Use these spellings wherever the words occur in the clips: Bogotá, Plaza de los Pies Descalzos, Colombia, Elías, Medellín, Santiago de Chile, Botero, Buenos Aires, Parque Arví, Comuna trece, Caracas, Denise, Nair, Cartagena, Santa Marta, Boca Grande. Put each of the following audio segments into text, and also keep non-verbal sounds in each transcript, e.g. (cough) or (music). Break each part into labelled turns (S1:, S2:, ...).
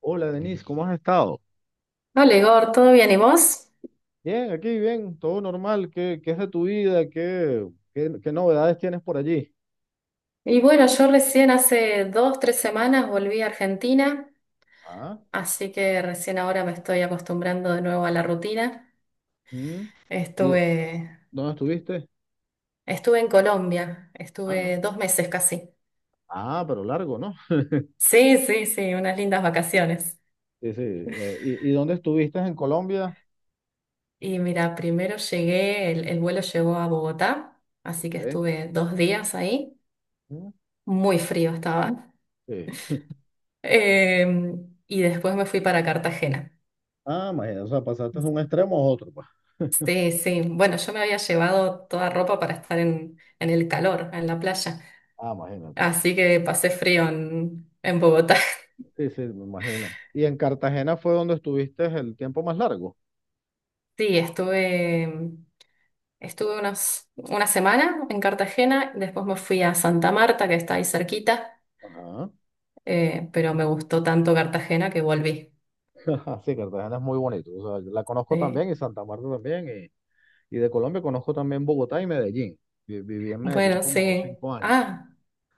S1: Hola Denise, ¿cómo has estado?
S2: Hola Igor, ¿todo bien? ¿Y vos?
S1: Bien, aquí bien, todo normal. ¿Qué es de tu vida? ¿Qué novedades tienes por allí?
S2: Yo recién hace dos, tres semanas volví a Argentina,
S1: Ah.
S2: así que recién ahora me estoy acostumbrando de nuevo a la rutina.
S1: ¿Mm? ¿Y
S2: Estuve,
S1: dónde estuviste?
S2: estuve en Colombia,
S1: Ah,
S2: estuve dos meses casi.
S1: ah, pero largo, ¿no?
S2: Sí, sí, sí, unas lindas vacaciones.
S1: Sí, sí. Y dónde estuviste en Colombia?
S2: Y mira, primero llegué, el vuelo llegó a Bogotá, así que
S1: Ok.
S2: estuve dos días ahí,
S1: ¿Mm?
S2: muy frío estaba.
S1: Sí.
S2: Y después me fui para Cartagena.
S1: Ah, imagínate, o sea, pasaste de un extremo a otro, pues.
S2: Sí, sí. Bueno, yo me había llevado toda ropa para estar en el calor, en la playa.
S1: Ah, imagínate.
S2: Así que pasé frío en Bogotá. (laughs)
S1: Sí, sí, me imagino. ¿Y en Cartagena fue donde estuviste el tiempo más largo?
S2: Sí, estuve unos, una semana en Cartagena, después me fui a Santa Marta, que está ahí cerquita,
S1: Ajá.
S2: pero me gustó tanto Cartagena que volví.
S1: (laughs) Sí, Cartagena es muy bonito. O sea, yo la conozco también
S2: Sí.
S1: y Santa Marta también. Y de Colombia conozco también Bogotá y Medellín. Viví en Medellín
S2: Bueno,
S1: como
S2: sí.
S1: 5 años.
S2: Ah,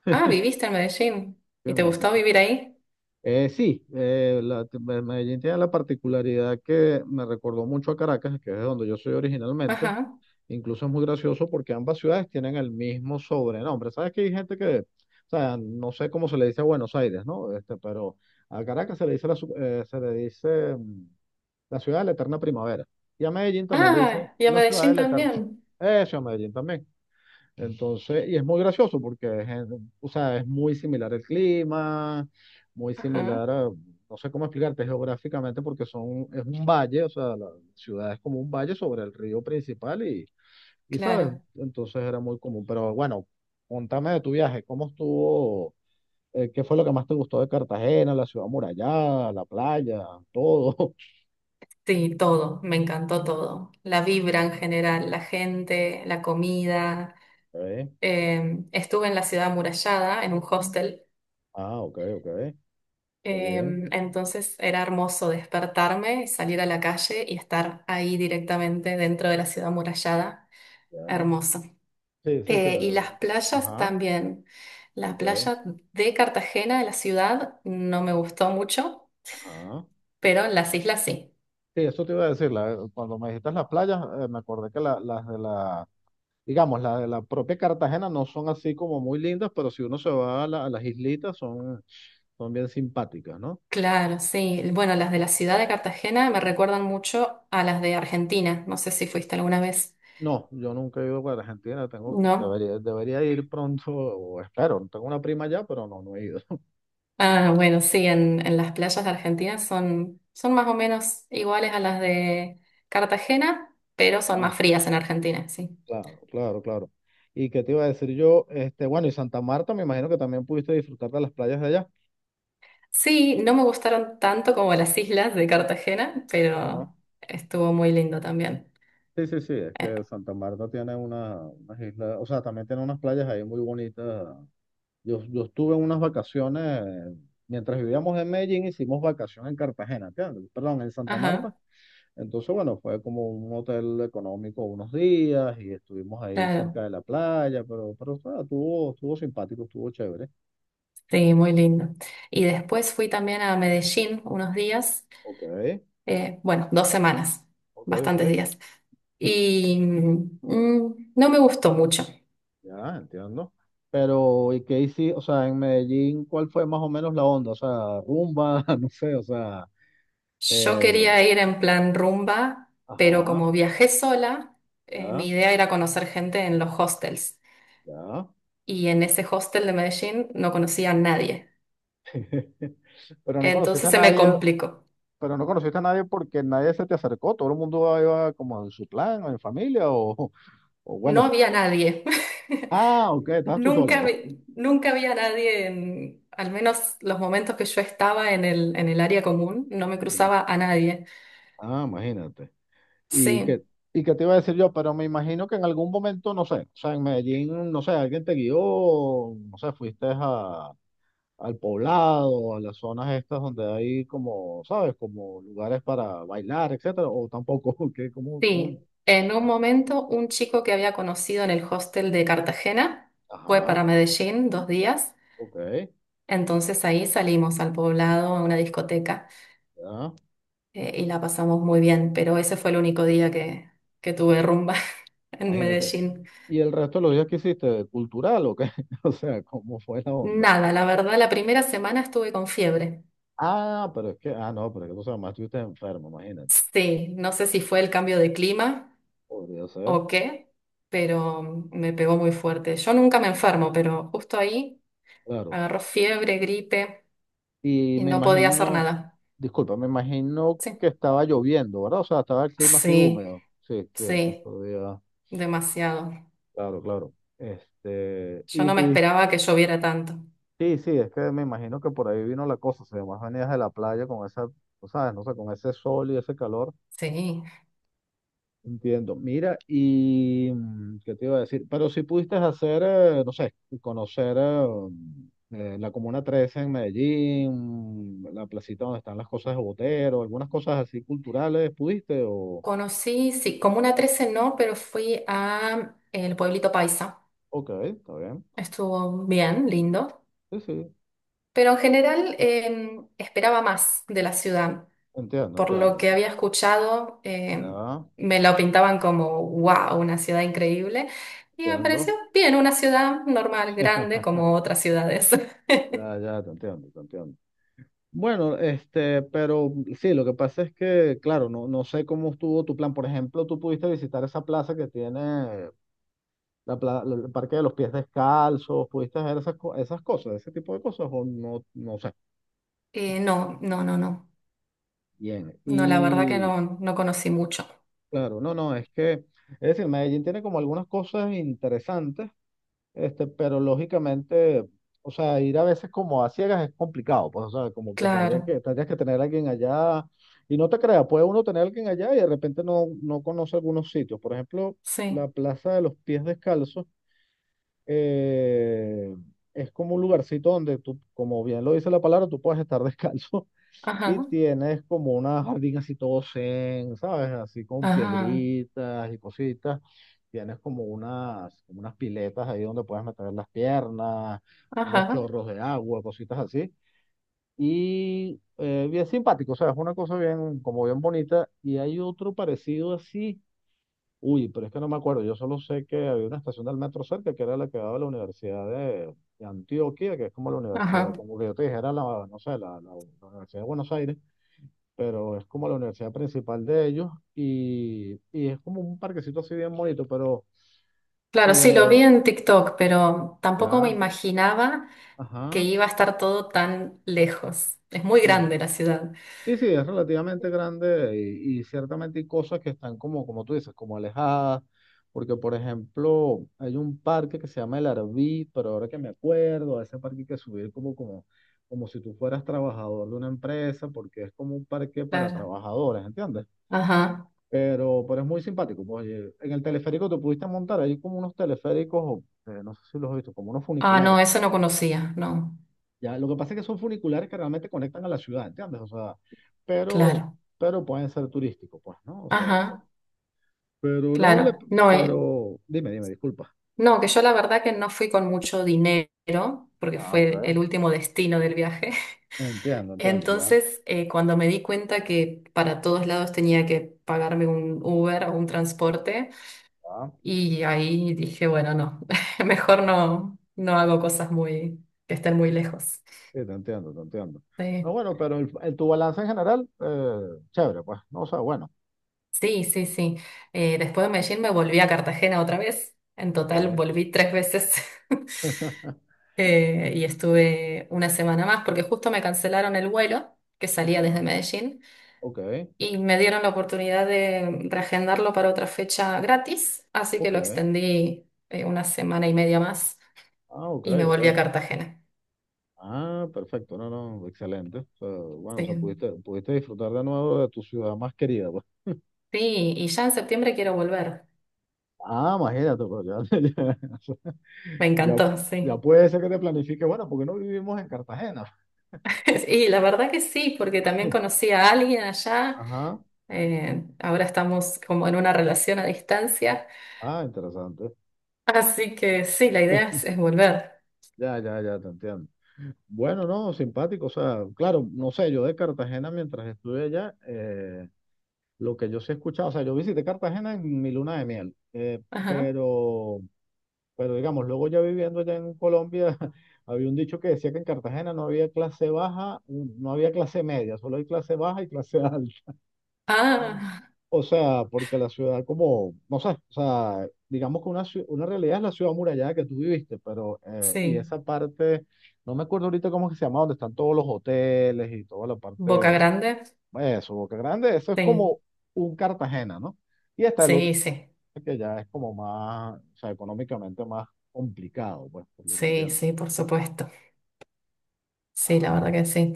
S2: ah, viviste en Medellín. ¿Y
S1: Viví en
S2: te gustó
S1: Medellín.
S2: vivir ahí?
S1: Sí, Medellín tiene la particularidad que me recordó mucho a Caracas, que es de donde yo soy originalmente.
S2: Ajá.
S1: Incluso es muy gracioso porque ambas ciudades tienen el mismo sobrenombre. Sabes que hay gente que, o sea, no sé cómo se le dice a Buenos Aires, ¿no? Este, pero a Caracas se le dice la, su- se le dice la ciudad de la eterna primavera. Y a Medellín también le dicen
S2: Ah, y a
S1: la ciudad de
S2: Medellín
S1: la eterna.
S2: también.
S1: Eso, a Medellín también. Entonces, y es muy gracioso porque es, o sea, es muy similar el clima, muy
S2: Ajá,
S1: similar a, no sé cómo explicarte geográficamente porque es un valle, o sea, la ciudad es como un valle sobre el río principal y, sabes,
S2: claro.
S1: entonces era muy común. Pero bueno, contame de tu viaje, ¿cómo estuvo? ¿Qué fue lo que más te gustó de Cartagena, la ciudad amurallada, la playa, todo? (laughs)
S2: Sí, todo, me encantó todo. La vibra en general, la gente, la comida.
S1: Ok.
S2: Estuve en la ciudad amurallada, en un hostel,
S1: Ah, ok, ok, está
S2: eh,
S1: bien,
S2: entonces era hermoso despertarme, salir a la calle y estar ahí directamente dentro de la ciudad amurallada.
S1: ya.
S2: Hermoso.
S1: Sí, sí, sí, la
S2: Y
S1: ciudad.
S2: las playas
S1: Ajá,
S2: también. Las
S1: ok,
S2: playas de Cartagena, de la ciudad, no me gustó mucho,
S1: ajá.
S2: pero en las islas sí.
S1: Sí, eso te iba a decir, cuando me dijiste las playas, me acordé que las de la, digamos, las de la propia Cartagena no son así como muy lindas, pero si uno se va a las islitas son bien simpáticas, ¿no?
S2: Claro, sí. Bueno, las de la ciudad de Cartagena me recuerdan mucho a las de Argentina. No sé si fuiste alguna vez,
S1: No, yo nunca he ido para Argentina, tengo,
S2: ¿no?
S1: debería ir pronto, o espero, tengo una prima allá, pero no, no he ido. (laughs)
S2: Ah, bueno, sí, en las playas de Argentina son, son más o menos iguales a las de Cartagena, pero son
S1: Ah,
S2: más frías en Argentina, sí.
S1: claro, claro, claro. ¿Y qué te iba a decir yo? Este, bueno, y Santa Marta, me imagino que también pudiste disfrutar de las playas de allá.
S2: Sí, no me gustaron tanto como las islas de Cartagena,
S1: Claro.
S2: pero estuvo muy lindo también.
S1: Sí, sí, sí, es
S2: Eh,
S1: que Santa Marta tiene unas islas, o sea, también tiene unas playas ahí muy bonitas. Yo estuve en unas vacaciones, mientras vivíamos en Medellín, hicimos vacaciones en Cartagena, ¿entiendes? Perdón, en Santa Marta.
S2: Ajá,
S1: Entonces, bueno, fue como un hotel económico unos días y estuvimos ahí
S2: claro,
S1: cerca de la playa, pero, o sea, estuvo simpático, estuvo chévere.
S2: sí, muy lindo. Y después fui también a Medellín unos días.
S1: Ok,
S2: Bueno, dos semanas,
S1: ok, ok,
S2: bastantes días. Y no me gustó mucho.
S1: ya entiendo. Pero, ¿y qué hiciste? O sea, en Medellín, ¿cuál fue más o menos la onda? O sea, rumba, (laughs) no sé, o sea.
S2: Yo
S1: Eh,
S2: quería ir en plan rumba, pero
S1: Ajá,
S2: como viajé sola, mi
S1: ya,
S2: idea era conocer gente en los hostels.
S1: ya.
S2: Y en ese hostel de Medellín no conocía a nadie.
S1: (laughs) Pero no conociste
S2: Entonces
S1: a
S2: se me
S1: nadie,
S2: complicó.
S1: pero no conociste a nadie porque nadie se te acercó, todo el mundo iba como en su plan, o en familia, o, (laughs) o bueno,
S2: No
S1: sí.
S2: había nadie. (laughs)
S1: Ah, ok, estabas tú sola,
S2: Nunca,
S1: pues.
S2: nunca había nadie en, al menos los momentos que yo estaba en el área común, no me
S1: Ya.
S2: cruzaba a nadie.
S1: Ah, imagínate. ¿Y qué,
S2: Sí.
S1: y qué te iba a decir yo? Pero me imagino que en algún momento, no sé, o sea, en Medellín, no sé, alguien te guió, no sé, fuiste al poblado, a las zonas estas donde hay como, ¿sabes? Como lugares para bailar, etcétera, o tampoco, (laughs) que como, como
S2: Sí, en un momento un chico que había conocido en el hostel de Cartagena fue
S1: ajá.
S2: para Medellín dos días,
S1: Ok,
S2: entonces ahí salimos al poblado a una discoteca
S1: ya,
S2: y la pasamos muy bien, pero ese fue el único día que tuve rumba (laughs) en
S1: imagínate.
S2: Medellín.
S1: ¿Y el resto de los días que hiciste? ¿Cultural o qué? (laughs) O sea, ¿cómo fue la onda?
S2: Nada, la verdad, la primera semana estuve con fiebre.
S1: Ah, pero es que, ah, no, pero es que tú sabes, más estuviste enfermo, imagínate.
S2: Sí, no sé si fue el cambio de clima
S1: Podría ser,
S2: o qué, pero me pegó muy fuerte. Yo nunca me enfermo, pero justo ahí
S1: claro.
S2: agarró fiebre, gripe
S1: Y
S2: y
S1: me
S2: no podía hacer
S1: imagino,
S2: nada.
S1: disculpa, me imagino
S2: Sí.
S1: que estaba lloviendo, ¿verdad? O sea, estaba el clima así
S2: Sí,
S1: húmedo. Sí, sí, es que
S2: sí,
S1: estos días,
S2: demasiado.
S1: claro, claro. Este,
S2: Yo
S1: y
S2: no me
S1: pudiste,
S2: esperaba que lloviera tanto.
S1: sí, sí, es que me imagino que por ahí vino la cosa, o sea, más venías de la playa con esa, tú sabes, no sé, con ese sol y ese calor.
S2: Sí.
S1: Entiendo. Mira, y qué te iba a decir, pero si pudiste hacer, no sé, conocer la Comuna 13 en Medellín, la placita donde están las cosas de Botero, algunas cosas así culturales, ¿pudiste? O,
S2: Conocí, sí, Comuna 13 no, pero fui a el pueblito Paisa.
S1: ok, está bien.
S2: Estuvo bien, lindo.
S1: Sí, sí,
S2: Pero en general esperaba más de la ciudad.
S1: entiendo,
S2: Por
S1: entiendo.
S2: lo que había escuchado,
S1: Ya,
S2: me lo pintaban como, wow, una ciudad increíble. Y me
S1: entiendo.
S2: pareció bien, una ciudad normal, grande,
S1: (laughs)
S2: como otras ciudades. (laughs)
S1: Ya, ya, te entiendo. Bueno, este, pero sí, lo que pasa es que, claro, no, no sé cómo estuvo tu plan. Por ejemplo, tú pudiste visitar esa plaza que tiene. El Parque de los Pies Descalzos, pudiste hacer esas cosas, ese tipo de cosas, o no, no sé.
S2: No, no, no, no.
S1: Bien,
S2: No, la verdad que
S1: y
S2: no, no conocí mucho.
S1: claro, no, no, es que, es decir, Medellín tiene como algunas cosas interesantes, este, pero lógicamente, o sea, ir a veces como a ciegas es complicado, pues, o sea, como que
S2: Claro,
S1: tendría que, tendrías que tener a alguien allá, y no te creas, puede uno tener a alguien allá y de repente no conoce algunos sitios, por ejemplo,
S2: sí.
S1: la Plaza de los Pies Descalzos eh, es como un lugarcito donde tú, como bien lo dice la palabra, tú puedes estar descalzo (laughs)
S2: Ajá,
S1: y tienes como una jardín así todo zen, ¿sabes? Así con
S2: ajá,
S1: piedritas y cositas. Tienes como unas piletas ahí donde puedes meter las piernas, unos
S2: ajá,
S1: chorros de agua, cositas así. Y bien simpático, ¿sabes? Una cosa bien, como bien bonita. Y hay otro parecido así. Uy, pero es que no me acuerdo. Yo solo sé que había una estación del metro cerca que era la que daba la Universidad de, Antioquia, que es como la universidad,
S2: ajá.
S1: como que yo te dijera, no sé, la Universidad de Buenos Aires, pero es como la universidad principal de ellos y, es como un parquecito así bien bonito, pero
S2: Claro, sí, lo vi
S1: eh,
S2: en TikTok, pero tampoco me
S1: ya,
S2: imaginaba que
S1: ajá.
S2: iba a estar todo tan lejos. Es muy grande la ciudad.
S1: Sí, sí, es relativamente grande y ciertamente hay cosas que están como, como tú dices, como alejadas, porque por ejemplo hay un parque que se llama el Arví, pero ahora que me acuerdo, a ese parque hay que subir como si tú fueras trabajador de una empresa, porque es como un parque para
S2: Claro,
S1: trabajadores, ¿entiendes?
S2: ajá.
S1: Pero es muy simpático. Pues, oye, en el teleférico te pudiste montar, hay como unos teleféricos, no sé si los has visto, como unos
S2: Ah, no,
S1: funiculares.
S2: eso no conocía, no.
S1: Ya, lo que pasa es que son funiculares que realmente conectan a la ciudad, ¿entiendes? O sea, pero,
S2: Claro,
S1: pero pueden ser turísticos, pues, ¿no? O sea, pero,
S2: ajá,
S1: pero no vale,
S2: claro. No,
S1: pero dime, dime, disculpa.
S2: no, que yo la verdad que no fui con mucho dinero, porque
S1: Ah, ok.
S2: fue el último destino del viaje.
S1: Entiendo, entiendo, ya.
S2: Entonces, cuando me di cuenta que para todos lados tenía que pagarme un Uber o un transporte,
S1: Ah,
S2: y ahí dije, bueno, no, (laughs) mejor
S1: sí,
S2: no, no hago cosas muy, que estén muy lejos.
S1: te entiendo, te entiendo. No,
S2: Sí,
S1: bueno, pero tu balance en general, chévere, pues, no, o sea, bueno.
S2: sí, sí. Sí. Después de Medellín me volví a Cartagena otra vez. En total
S1: Ok.
S2: volví tres veces. (laughs)
S1: (laughs)
S2: Y estuve una semana más porque justo me cancelaron el vuelo que salía desde
S1: Ajá,
S2: Medellín.
S1: ok,
S2: Y me dieron la oportunidad de reagendarlo para otra fecha gratis, así que lo
S1: ok.
S2: extendí una semana y media más
S1: Ah, ok,
S2: y me volví a
S1: ok.
S2: Cartagena.
S1: Ah, perfecto, no, no, excelente. O sea, bueno, o sea,
S2: Sí.
S1: pudiste disfrutar de nuevo de tu ciudad más querida, pues.
S2: Sí, y ya en septiembre quiero volver.
S1: Ah, imagínate, pero ya, (laughs) ya,
S2: Me
S1: ya,
S2: encantó, sí.
S1: ya puede ser que te planifique, bueno, porque no vivimos en Cartagena.
S2: (laughs) Y la verdad que sí, porque también conocí a alguien allá.
S1: Ajá,
S2: Ahora estamos como en una relación a distancia.
S1: ah, interesante.
S2: Así que sí, la idea es volver.
S1: Ya, ya, ya, te entiendo. Bueno, no, simpático, o sea, claro, no sé, yo de Cartagena mientras estuve allá, lo que yo sí he escuchado, o sea, yo visité Cartagena en mi luna de miel,
S2: Ajá.
S1: pero, pero digamos, luego ya viviendo allá en Colombia, (laughs) había un dicho que decía que en Cartagena no había clase baja, no había clase media, solo hay clase baja y clase (laughs) alta.
S2: Ah,
S1: O sea, porque la ciudad como, no sé, o sea, digamos que una realidad es la ciudad amurallada que tú viviste, pero, y
S2: sí.
S1: esa parte, no me acuerdo ahorita cómo es que se llama, donde están todos los hoteles y toda la
S2: Boca
S1: parte,
S2: Grande.
S1: eso, Boca Grande, eso es
S2: Sí,
S1: como un Cartagena, ¿no? Y está el otro
S2: sí, sí.
S1: que ya es como más, o sea, económicamente más complicado, pues, por lo que
S2: Sí,
S1: entiendo.
S2: sí, por supuesto. Sí, la
S1: Ah,
S2: verdad que sí.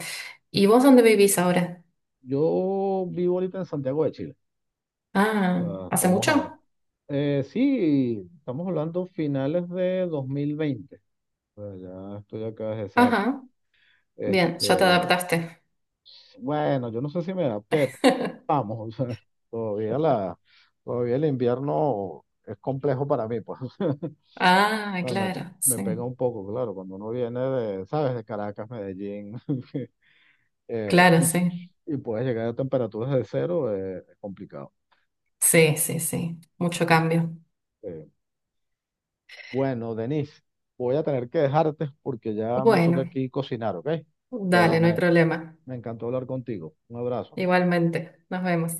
S2: ¿Y vos dónde vivís ahora?
S1: yo vivo ahorita en Santiago de Chile, o
S2: Ah,
S1: sea,
S2: ¿hace
S1: estamos
S2: mucho?
S1: a, sí, estamos hablando finales de 2020. Bueno, ya estoy acá desde esa época.
S2: Ajá, bien, ya te
S1: Este,
S2: adaptaste.
S1: bueno, yo no sé si me adapté, pero
S2: (laughs)
S1: vamos, (laughs) o sea, todavía la, todavía el invierno es complejo para mí, pues. (laughs)
S2: Ah,
S1: O sea, me,
S2: claro,
S1: me
S2: sí.
S1: pega un poco, claro, cuando uno viene de, ¿sabes? De Caracas, Medellín, (laughs) eh,
S2: Claro,
S1: y,
S2: sí.
S1: y puedes llegar a temperaturas de cero, es complicado.
S2: Sí, sí, sí. Mucho cambio.
S1: Eh, bueno, Denise, voy a tener que dejarte porque ya me toca
S2: Bueno,
S1: aquí cocinar, ¿ok? Pero
S2: dale, no hay
S1: me,
S2: problema.
S1: me encantó hablar contigo. Un abrazo.
S2: Igualmente, nos vemos.